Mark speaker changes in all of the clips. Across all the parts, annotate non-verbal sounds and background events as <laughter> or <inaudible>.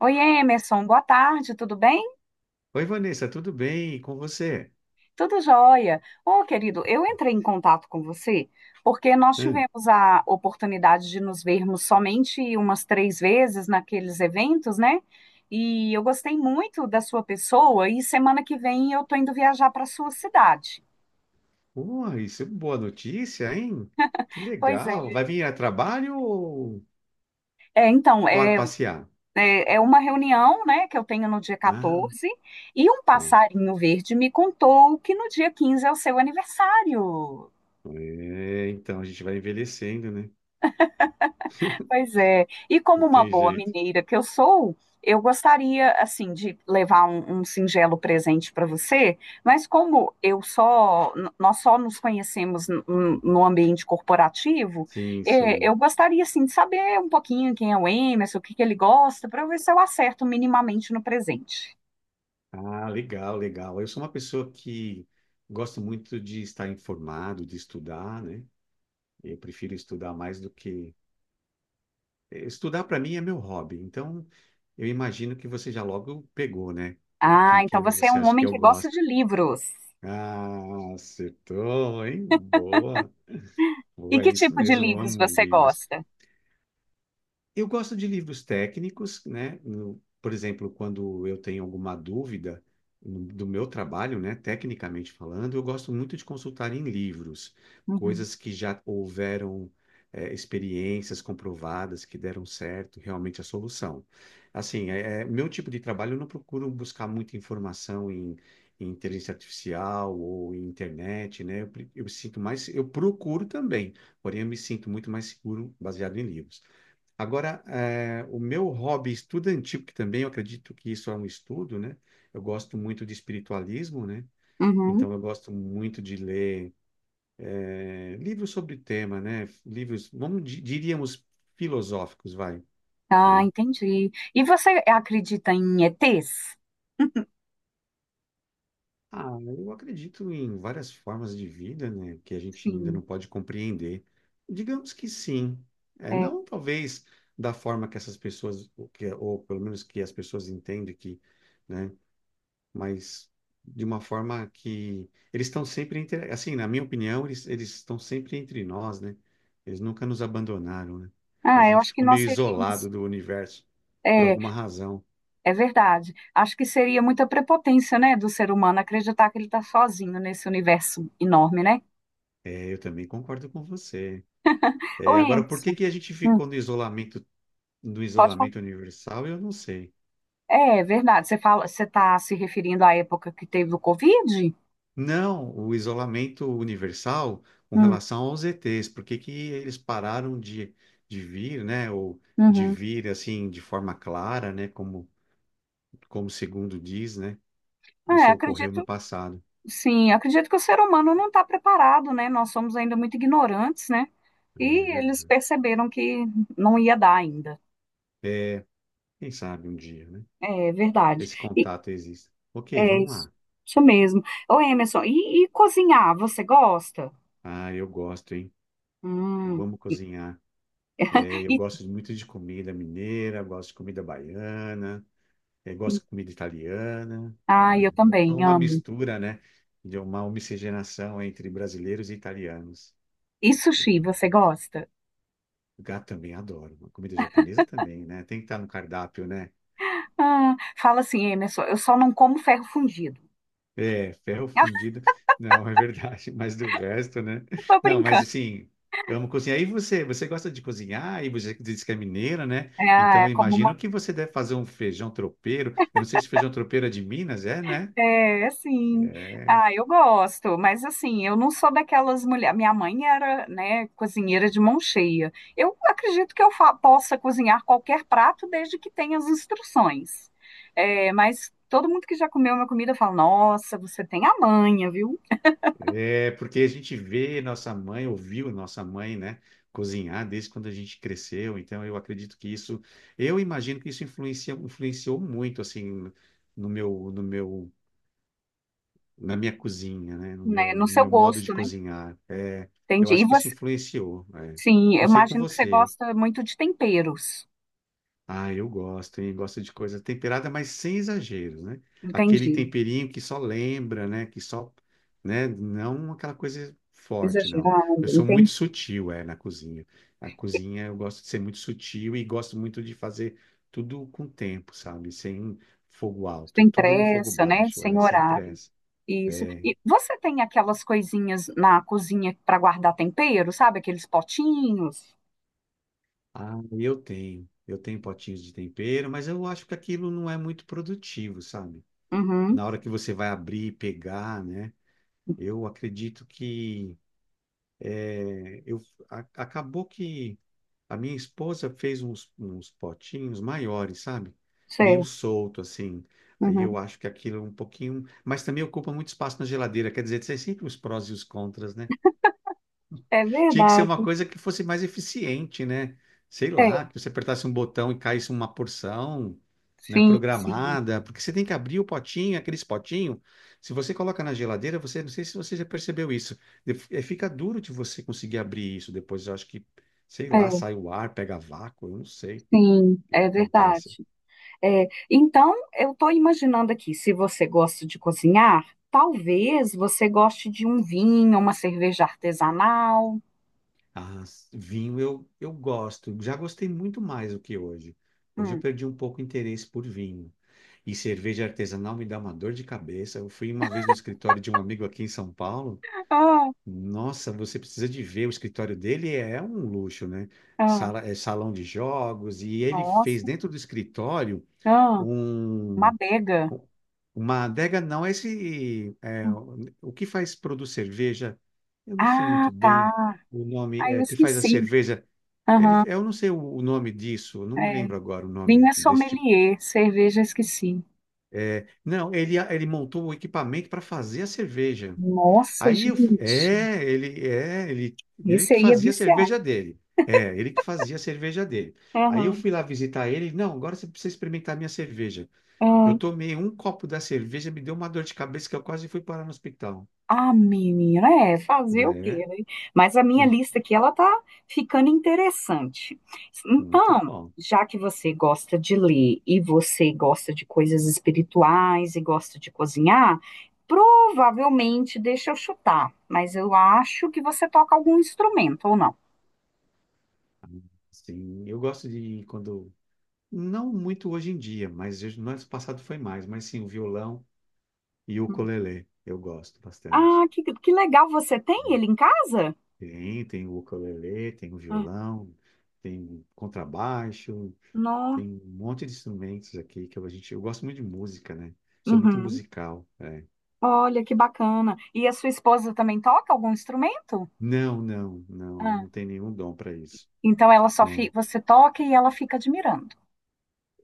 Speaker 1: Oi, Emerson, boa tarde, tudo bem?
Speaker 2: Oi, Vanessa, tudo bem? E com você?
Speaker 1: Tudo jóia. Ô, querido, eu entrei em contato com você porque nós
Speaker 2: Hum.
Speaker 1: tivemos a oportunidade de nos vermos somente umas três vezes naqueles eventos, né? E eu gostei muito da sua pessoa e semana que vem eu tô indo viajar para sua cidade.
Speaker 2: Uai, isso é uma boa notícia, hein? Que
Speaker 1: Pois é.
Speaker 2: legal. Vai vir a trabalho ou
Speaker 1: É, então,
Speaker 2: para
Speaker 1: é,
Speaker 2: passear?
Speaker 1: é, é uma reunião, né, que eu tenho no dia
Speaker 2: Ah,
Speaker 1: 14, e um
Speaker 2: tá.
Speaker 1: passarinho verde me contou que no dia 15 é o seu aniversário.
Speaker 2: É, então a gente vai envelhecendo, né?
Speaker 1: Pois é. E como
Speaker 2: Não
Speaker 1: uma
Speaker 2: tem
Speaker 1: boa
Speaker 2: jeito.
Speaker 1: mineira que eu sou, eu gostaria, assim, de levar um singelo presente para você, mas como eu só, nós só nos conhecemos no ambiente corporativo.
Speaker 2: Sim, sim.
Speaker 1: Eu gostaria, assim, de saber um pouquinho quem é o Emerson, o que que ele gosta, para ver se eu acerto minimamente no presente.
Speaker 2: Ah, legal, legal. Eu sou uma pessoa que gosto muito de estar informado, de estudar, né? Eu prefiro estudar mais do que. Estudar para mim é meu hobby. Então, eu imagino que você já logo pegou, né? O
Speaker 1: Ah,
Speaker 2: que,
Speaker 1: então
Speaker 2: que
Speaker 1: você é
Speaker 2: você
Speaker 1: um
Speaker 2: acha
Speaker 1: homem
Speaker 2: que eu
Speaker 1: que gosta de
Speaker 2: gosto?
Speaker 1: livros.
Speaker 2: Ah, acertou, hein? Boa,
Speaker 1: E
Speaker 2: boa, é
Speaker 1: que
Speaker 2: isso
Speaker 1: tipo de
Speaker 2: mesmo, eu
Speaker 1: livros
Speaker 2: amo
Speaker 1: você
Speaker 2: livros.
Speaker 1: gosta?
Speaker 2: Eu gosto de livros técnicos, né? Por exemplo, quando eu tenho alguma dúvida do meu trabalho, né? Tecnicamente falando, eu gosto muito de consultar em livros,
Speaker 1: Uhum.
Speaker 2: coisas que já houveram, experiências comprovadas que deram certo, realmente a solução. Assim, meu tipo de trabalho, eu não procuro buscar muita informação em, em inteligência artificial ou em internet, né? Eu, eu sinto mais, eu procuro também, porém eu me sinto muito mais seguro baseado em livros. Agora, o meu hobby estudantil, que também eu acredito que isso é um estudo, né? Eu gosto muito de espiritualismo, né?
Speaker 1: Uhum.
Speaker 2: Então, eu gosto muito de ler livros sobre o tema, né? Livros, vamos, diríamos, filosóficos, vai,
Speaker 1: Ah,
Speaker 2: né?
Speaker 1: entendi. E você acredita em ETs?
Speaker 2: Ah, eu acredito em várias formas de vida, né? Que a gente ainda não
Speaker 1: Sim,
Speaker 2: pode compreender. Digamos que sim. É,
Speaker 1: é.
Speaker 2: não, talvez, da forma que essas pessoas, ou que- ou pelo menos que as pessoas entendem que, né? Mas de uma forma que eles estão sempre entre, assim, na minha opinião, eles estão sempre entre nós, né? Eles nunca nos abandonaram, né? A
Speaker 1: Ah, eu
Speaker 2: gente
Speaker 1: acho que
Speaker 2: ficou
Speaker 1: nós
Speaker 2: meio
Speaker 1: seríamos.
Speaker 2: isolado do universo por
Speaker 1: É,
Speaker 2: alguma razão.
Speaker 1: é verdade. Acho que seria muita prepotência, né, do ser humano acreditar que ele está sozinho nesse universo enorme, né?
Speaker 2: É, eu também concordo com você.
Speaker 1: Ô,
Speaker 2: É, agora, por que
Speaker 1: Emerson,
Speaker 2: que a gente
Speaker 1: hum,
Speaker 2: ficou no isolamento no
Speaker 1: pode falar.
Speaker 2: isolamento universal? Eu não sei.
Speaker 1: É, é verdade. Você está se referindo à época que teve o Covid?
Speaker 2: Não, o isolamento universal com
Speaker 1: Hum,
Speaker 2: relação aos ETs, por que que eles pararam de, vir, né? Ou de
Speaker 1: uhum.
Speaker 2: vir assim de forma clara, né? Como segundo diz, né?
Speaker 1: É,
Speaker 2: Isso ocorreu no
Speaker 1: acredito,
Speaker 2: passado.
Speaker 1: sim, acredito que o ser humano não está preparado, né? Nós somos ainda muito ignorantes, né?
Speaker 2: É
Speaker 1: E eles
Speaker 2: verdade.
Speaker 1: perceberam que não ia dar ainda.
Speaker 2: Quem sabe um dia, né?
Speaker 1: É verdade.
Speaker 2: Esse contato existe. Ok,
Speaker 1: É
Speaker 2: vamos
Speaker 1: isso,
Speaker 2: lá.
Speaker 1: isso mesmo. Ô, Emerson, e cozinhar, você gosta?
Speaker 2: Ah, eu gosto, hein? Eu
Speaker 1: Hum.
Speaker 2: amo cozinhar. É, eu
Speaker 1: E,
Speaker 2: gosto muito de comida mineira, gosto de comida baiana, é, gosto de comida italiana.
Speaker 1: ah,
Speaker 2: É,
Speaker 1: eu
Speaker 2: eu sou
Speaker 1: também
Speaker 2: uma
Speaker 1: amo.
Speaker 2: mistura, né? De uma miscigenação entre brasileiros e italianos.
Speaker 1: E sushi, você gosta?
Speaker 2: Gato também adoro. Comida japonesa também, né? Tem que estar no cardápio, né?
Speaker 1: Ah, fala assim, Emerson, eu só não como ferro fundido.
Speaker 2: É, ferro
Speaker 1: <laughs>
Speaker 2: fundido. Não, <laughs> é verdade, mas do resto, né?
Speaker 1: Tô
Speaker 2: Não, mas
Speaker 1: brincando.
Speaker 2: assim, amo cozinhar. E você, você gosta de cozinhar? E você diz que é mineira, né?
Speaker 1: É,
Speaker 2: Então,
Speaker 1: é
Speaker 2: eu
Speaker 1: como uma.
Speaker 2: imagino que você deve fazer um feijão tropeiro. Eu não sei se feijão tropeiro é de Minas, é, né?
Speaker 1: É, sim.
Speaker 2: É,
Speaker 1: Ah, eu gosto, mas assim, eu não sou daquelas mulheres. Minha mãe era, né, cozinheira de mão cheia. Eu acredito que eu possa cozinhar qualquer prato desde que tenha as instruções. É, mas todo mundo que já comeu minha comida fala: Nossa, você tem a manha, viu?
Speaker 2: é, porque a gente vê nossa mãe, ouviu nossa mãe, né, cozinhar desde quando a gente cresceu. Então, eu acredito que isso, eu imagino que isso influencia, influenciou muito, assim, no meu na minha cozinha, né? No
Speaker 1: Né,
Speaker 2: meu,
Speaker 1: no
Speaker 2: no
Speaker 1: seu
Speaker 2: meu modo de
Speaker 1: gosto, né?
Speaker 2: cozinhar. É, eu
Speaker 1: Entendi. E
Speaker 2: acho que isso
Speaker 1: você,
Speaker 2: influenciou. É.
Speaker 1: sim, eu
Speaker 2: Não sei com
Speaker 1: imagino que você
Speaker 2: você.
Speaker 1: gosta muito de temperos.
Speaker 2: Ah, eu gosto, hein? Gosto de coisa temperada, mas sem exageros, né? Aquele
Speaker 1: Entendi.
Speaker 2: temperinho que só lembra, né? Que só, né? Não aquela coisa forte, não.
Speaker 1: Exagerado,
Speaker 2: Eu sou muito
Speaker 1: entendi.
Speaker 2: sutil, é, na cozinha. Na cozinha eu gosto de ser muito sutil e gosto muito de fazer tudo com tempo, sabe? Sem fogo alto,
Speaker 1: Sem
Speaker 2: tudo no fogo
Speaker 1: pressa, né?
Speaker 2: baixo,
Speaker 1: Sem
Speaker 2: é, sem
Speaker 1: horário.
Speaker 2: pressa.
Speaker 1: Isso.
Speaker 2: É.
Speaker 1: E você tem aquelas coisinhas na cozinha para guardar tempero, sabe? Aqueles potinhos?
Speaker 2: Ah, eu tenho. Eu tenho potinhos de tempero, mas eu acho que aquilo não é muito produtivo, sabe?
Speaker 1: Uhum,
Speaker 2: Na hora que você vai abrir e pegar, né? Eu acredito que eu acabou que a minha esposa fez uns potinhos maiores, sabe? Meio
Speaker 1: sei.
Speaker 2: solto assim. Aí
Speaker 1: Uhum.
Speaker 2: eu acho que aquilo é um pouquinho, mas também ocupa muito espaço na geladeira. Quer dizer, tem sempre os prós e os contras, né?
Speaker 1: É
Speaker 2: Tinha que ser uma
Speaker 1: verdade.
Speaker 2: coisa que fosse mais eficiente, né? Sei lá,
Speaker 1: É,
Speaker 2: que você apertasse um botão e caísse uma porção, né,
Speaker 1: sim, sim.
Speaker 2: programada, porque você tem que abrir o potinho, aqueles potinhos. Se você coloca na geladeira, você, não sei se você já percebeu isso, fica duro de você conseguir abrir isso depois. Eu acho que, sei lá,
Speaker 1: É,
Speaker 2: sai o ar, pega vácuo, eu não sei o
Speaker 1: sim,
Speaker 2: que que
Speaker 1: é
Speaker 2: acontece.
Speaker 1: verdade. É, então, eu estou imaginando aqui, se você gosta de cozinhar, talvez você goste de um vinho, uma cerveja artesanal.
Speaker 2: Ah, vinho eu gosto. Já gostei muito mais do que hoje. Hoje eu
Speaker 1: Hum.
Speaker 2: perdi um pouco o interesse por vinho. E cerveja artesanal me dá uma dor de cabeça. Eu fui uma vez no escritório de um amigo aqui em São Paulo.
Speaker 1: Ah, ah,
Speaker 2: Nossa, você precisa de ver. O escritório dele é um luxo, né?
Speaker 1: ah,
Speaker 2: Sala, é salão de jogos. E ele fez
Speaker 1: nossa,
Speaker 2: dentro do escritório
Speaker 1: ah, uma
Speaker 2: um.
Speaker 1: adega.
Speaker 2: U- Uma adega não, esse é,
Speaker 1: Hum.
Speaker 2: o que faz produz cerveja, eu não sei
Speaker 1: Ah,
Speaker 2: muito bem
Speaker 1: tá.
Speaker 2: o nome
Speaker 1: Ah, eu
Speaker 2: é, que faz a
Speaker 1: esqueci.
Speaker 2: cerveja. Ele,
Speaker 1: Aham.
Speaker 2: eu não sei o nome disso, eu não me
Speaker 1: É.
Speaker 2: lembro agora o
Speaker 1: Vinho
Speaker 2: nome
Speaker 1: é
Speaker 2: desse tipo.
Speaker 1: sommelier, cerveja esqueci.
Speaker 2: Não, ele montou o equipamento para fazer a cerveja.
Speaker 1: Nossa,
Speaker 2: Aí eu fui,
Speaker 1: gente,
Speaker 2: é, ele
Speaker 1: esse
Speaker 2: que
Speaker 1: aí é
Speaker 2: fazia a
Speaker 1: viciado.
Speaker 2: cerveja dele. É, ele que fazia a cerveja dele. Aí eu
Speaker 1: Aham,
Speaker 2: fui lá visitar ele, não, agora você precisa experimentar a minha cerveja. Eu
Speaker 1: aham.
Speaker 2: tomei um copo da cerveja, me deu uma dor de cabeça que eu quase fui parar no hospital.
Speaker 1: Ah, menina, é fazer o quê,
Speaker 2: É,
Speaker 1: né? Mas a minha
Speaker 2: e
Speaker 1: lista aqui, ela tá ficando interessante.
Speaker 2: muito
Speaker 1: Então,
Speaker 2: bom.
Speaker 1: já que você gosta de ler e você gosta de coisas espirituais e gosta de cozinhar, provavelmente, deixa eu chutar, mas eu acho que você toca algum instrumento ou não.
Speaker 2: Sim, eu gosto de quando. Não muito hoje em dia, mas eu- no ano passado foi mais. Mas sim, o violão e o ukulele. Eu gosto
Speaker 1: Ah,
Speaker 2: bastante.
Speaker 1: que legal, você tem ele em casa?
Speaker 2: Tem, tem o ukulele, tem o
Speaker 1: Ah,
Speaker 2: violão, tem o contrabaixo,
Speaker 1: nossa.
Speaker 2: tem um monte de instrumentos aqui que a gente. Eu gosto muito de música, né? Sou muito
Speaker 1: Uhum.
Speaker 2: musical. É.
Speaker 1: Olha que bacana. E a sua esposa também toca algum instrumento?
Speaker 2: Não, não, não,
Speaker 1: Ah,
Speaker 2: não tem nenhum dom para isso.
Speaker 1: então ela só.
Speaker 2: Não.
Speaker 1: Você toca e ela fica admirando.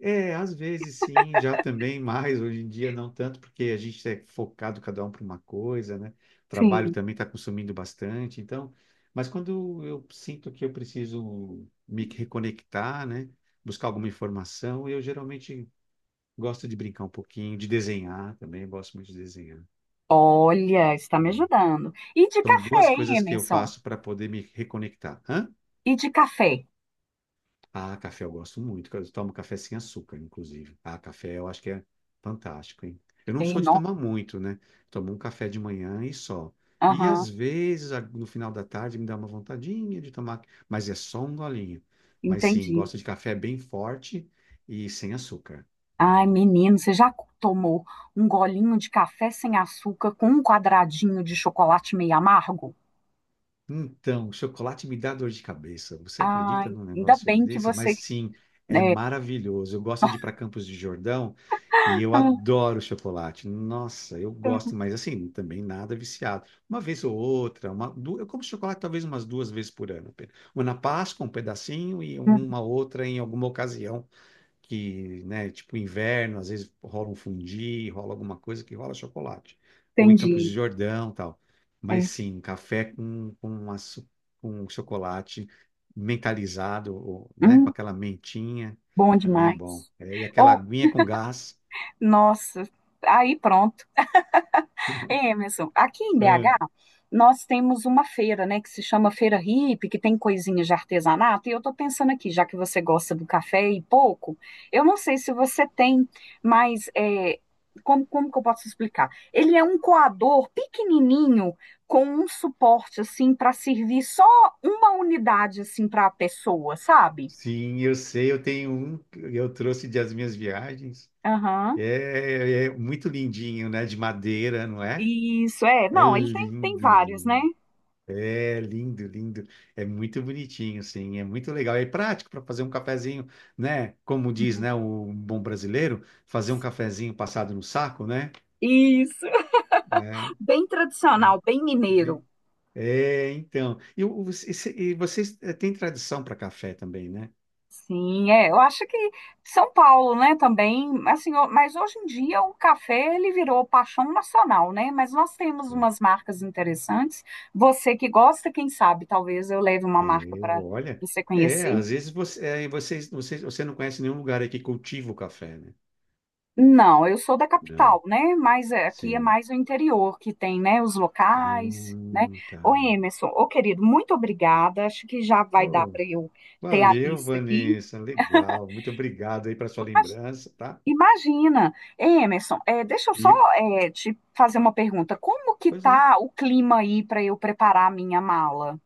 Speaker 2: É, às vezes sim, já também mais, hoje em dia não tanto, porque a gente é focado cada um para uma coisa, né? O trabalho
Speaker 1: Sim.
Speaker 2: também está consumindo bastante, então, mas quando eu sinto que eu preciso me reconectar, né? Buscar alguma informação, eu geralmente gosto de brincar um pouquinho, de desenhar também, eu gosto muito de desenhar.
Speaker 1: Olha, está me
Speaker 2: Né?
Speaker 1: ajudando. E de
Speaker 2: São
Speaker 1: café,
Speaker 2: duas
Speaker 1: hein,
Speaker 2: coisas que eu
Speaker 1: Emerson?
Speaker 2: faço para poder me reconectar. Hã?
Speaker 1: E de café?
Speaker 2: Ah, café eu gosto muito. Eu tomo café sem açúcar, inclusive. Ah, café eu acho que é fantástico, hein? Eu não
Speaker 1: Ei,
Speaker 2: sou de
Speaker 1: não.
Speaker 2: tomar muito, né? Tomo um café de manhã e só. E
Speaker 1: Aham,
Speaker 2: às vezes, no final da tarde, me dá uma vontadinha de tomar, mas é só um golinho. Mas sim,
Speaker 1: entendi.
Speaker 2: gosto de café bem forte e sem açúcar.
Speaker 1: Ai, menino, você já tomou um golinho de café sem açúcar com um quadradinho de chocolate meio amargo?
Speaker 2: Então, chocolate me dá dor de cabeça. Você
Speaker 1: Ai,
Speaker 2: acredita num
Speaker 1: ainda
Speaker 2: negócio
Speaker 1: bem que
Speaker 2: desse?
Speaker 1: você.
Speaker 2: Mas sim, é
Speaker 1: É.
Speaker 2: maravilhoso. Eu gosto de ir para Campos de Jordão e eu
Speaker 1: Ah,
Speaker 2: adoro chocolate. Nossa, eu gosto, mas assim, também nada viciado. Uma vez ou outra, eu como chocolate talvez umas 2 vezes por ano. Apenas. Uma na Páscoa, um pedacinho, e uma outra em alguma ocasião que, né, tipo inverno, às vezes rola um fundi, rola alguma coisa que rola chocolate. Ou em Campos de
Speaker 1: entendi.
Speaker 2: Jordão, tal. Mas
Speaker 1: É.
Speaker 2: sim, um café com um chocolate mentalizado, ou, né, com
Speaker 1: Hum.
Speaker 2: aquela mentinha,
Speaker 1: Bom
Speaker 2: também é
Speaker 1: demais.
Speaker 2: bom. É, e aquela
Speaker 1: Ou,
Speaker 2: aguinha com gás.
Speaker 1: nossa, aí pronto. É,
Speaker 2: <laughs>
Speaker 1: Emerson, aqui em BH,
Speaker 2: É.
Speaker 1: nós temos uma feira, né, que se chama Feira Hippie, que tem coisinhas de artesanato, e eu tô pensando aqui, já que você gosta do café e pouco, eu não sei se você tem, mas é, como que eu posso explicar? Ele é um coador pequenininho com um suporte, assim, para servir só uma unidade, assim, para a pessoa, sabe?
Speaker 2: Sim, eu sei, eu tenho um, que eu trouxe das minhas viagens.
Speaker 1: Aham.
Speaker 2: É, é muito lindinho, né? De madeira, não é?
Speaker 1: Isso, é.
Speaker 2: É
Speaker 1: Não, ele tem,
Speaker 2: lindo,
Speaker 1: vários, né?
Speaker 2: lindo. É lindo, lindo. É muito bonitinho, assim. É muito legal. É prático para fazer um cafezinho, né? Como diz,
Speaker 1: Uhum.
Speaker 2: né, o bom brasileiro, fazer um cafezinho passado no saco, né?
Speaker 1: Isso.
Speaker 2: É,
Speaker 1: Bem
Speaker 2: é.
Speaker 1: tradicional, bem mineiro.
Speaker 2: Bem- é, então. E, e vocês têm tradição para café também, né?
Speaker 1: Sim, é. Eu acho que São Paulo, né, também, assim, ó, mas hoje em dia o café ele virou paixão nacional, né? Mas nós temos umas marcas interessantes. Você que gosta, quem sabe, talvez eu leve uma marca
Speaker 2: É, é,
Speaker 1: para
Speaker 2: olha.
Speaker 1: você
Speaker 2: É,
Speaker 1: conhecer.
Speaker 2: às vezes você, é, você não conhece nenhum lugar aí que cultiva o café, né?
Speaker 1: Não, eu sou da
Speaker 2: Não.
Speaker 1: capital, né? Mas é, aqui é
Speaker 2: Sim.
Speaker 1: mais o interior que tem, né? Os locais, né?
Speaker 2: Não, tá.
Speaker 1: Ô Emerson, ô querido, muito obrigada. Acho que já vai dar para eu ter a
Speaker 2: Valeu,
Speaker 1: lista aqui.
Speaker 2: Vanessa. Legal. Muito obrigado aí para sua lembrança, tá?
Speaker 1: Imagina. Ei, Emerson, deixa eu só
Speaker 2: E,
Speaker 1: te fazer uma pergunta. Como que
Speaker 2: pois não.
Speaker 1: tá o clima aí para eu preparar a minha mala?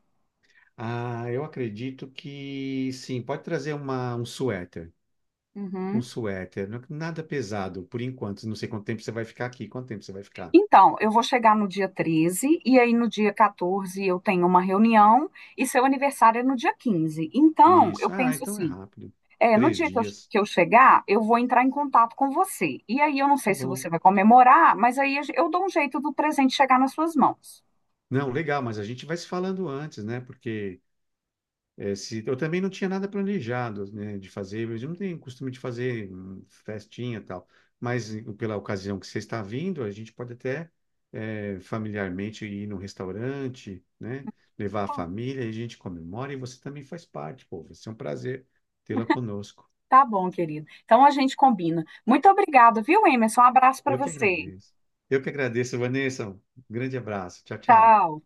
Speaker 2: Ah, eu acredito que sim, pode trazer uma, um suéter. Um
Speaker 1: Uhum.
Speaker 2: suéter, nada pesado por enquanto. Não sei quanto tempo você vai ficar aqui. Quanto tempo você vai ficar?
Speaker 1: Então, eu vou chegar no dia 13 e aí no dia 14 eu tenho uma reunião e seu aniversário é no dia 15. Então, eu
Speaker 2: Isso. Ah,
Speaker 1: penso
Speaker 2: então é
Speaker 1: assim,
Speaker 2: rápido.
Speaker 1: no
Speaker 2: Três
Speaker 1: dia que eu,
Speaker 2: dias.
Speaker 1: que eu chegar, eu vou entrar em contato com você. E aí eu não
Speaker 2: Tá
Speaker 1: sei se
Speaker 2: bom.
Speaker 1: você vai comemorar, mas aí eu dou um jeito do presente chegar nas suas mãos.
Speaker 2: Não, legal, mas a gente vai se falando antes, né? Porque é, eu também não tinha nada planejado, né, de fazer, mas eu não tenho costume de fazer festinha e tal. Mas pela ocasião que você está vindo, a gente pode até familiarmente ir num restaurante, né, levar a família e a gente comemora e você também faz parte, pô. Vai ser um prazer tê-la conosco.
Speaker 1: Tá bom, querido. Então a gente combina. Muito obrigada, viu, Emerson? Um abraço para
Speaker 2: Eu que
Speaker 1: você.
Speaker 2: agradeço. Eu que agradeço, Vanessa. Um grande abraço. Tchau, tchau.
Speaker 1: Tchau.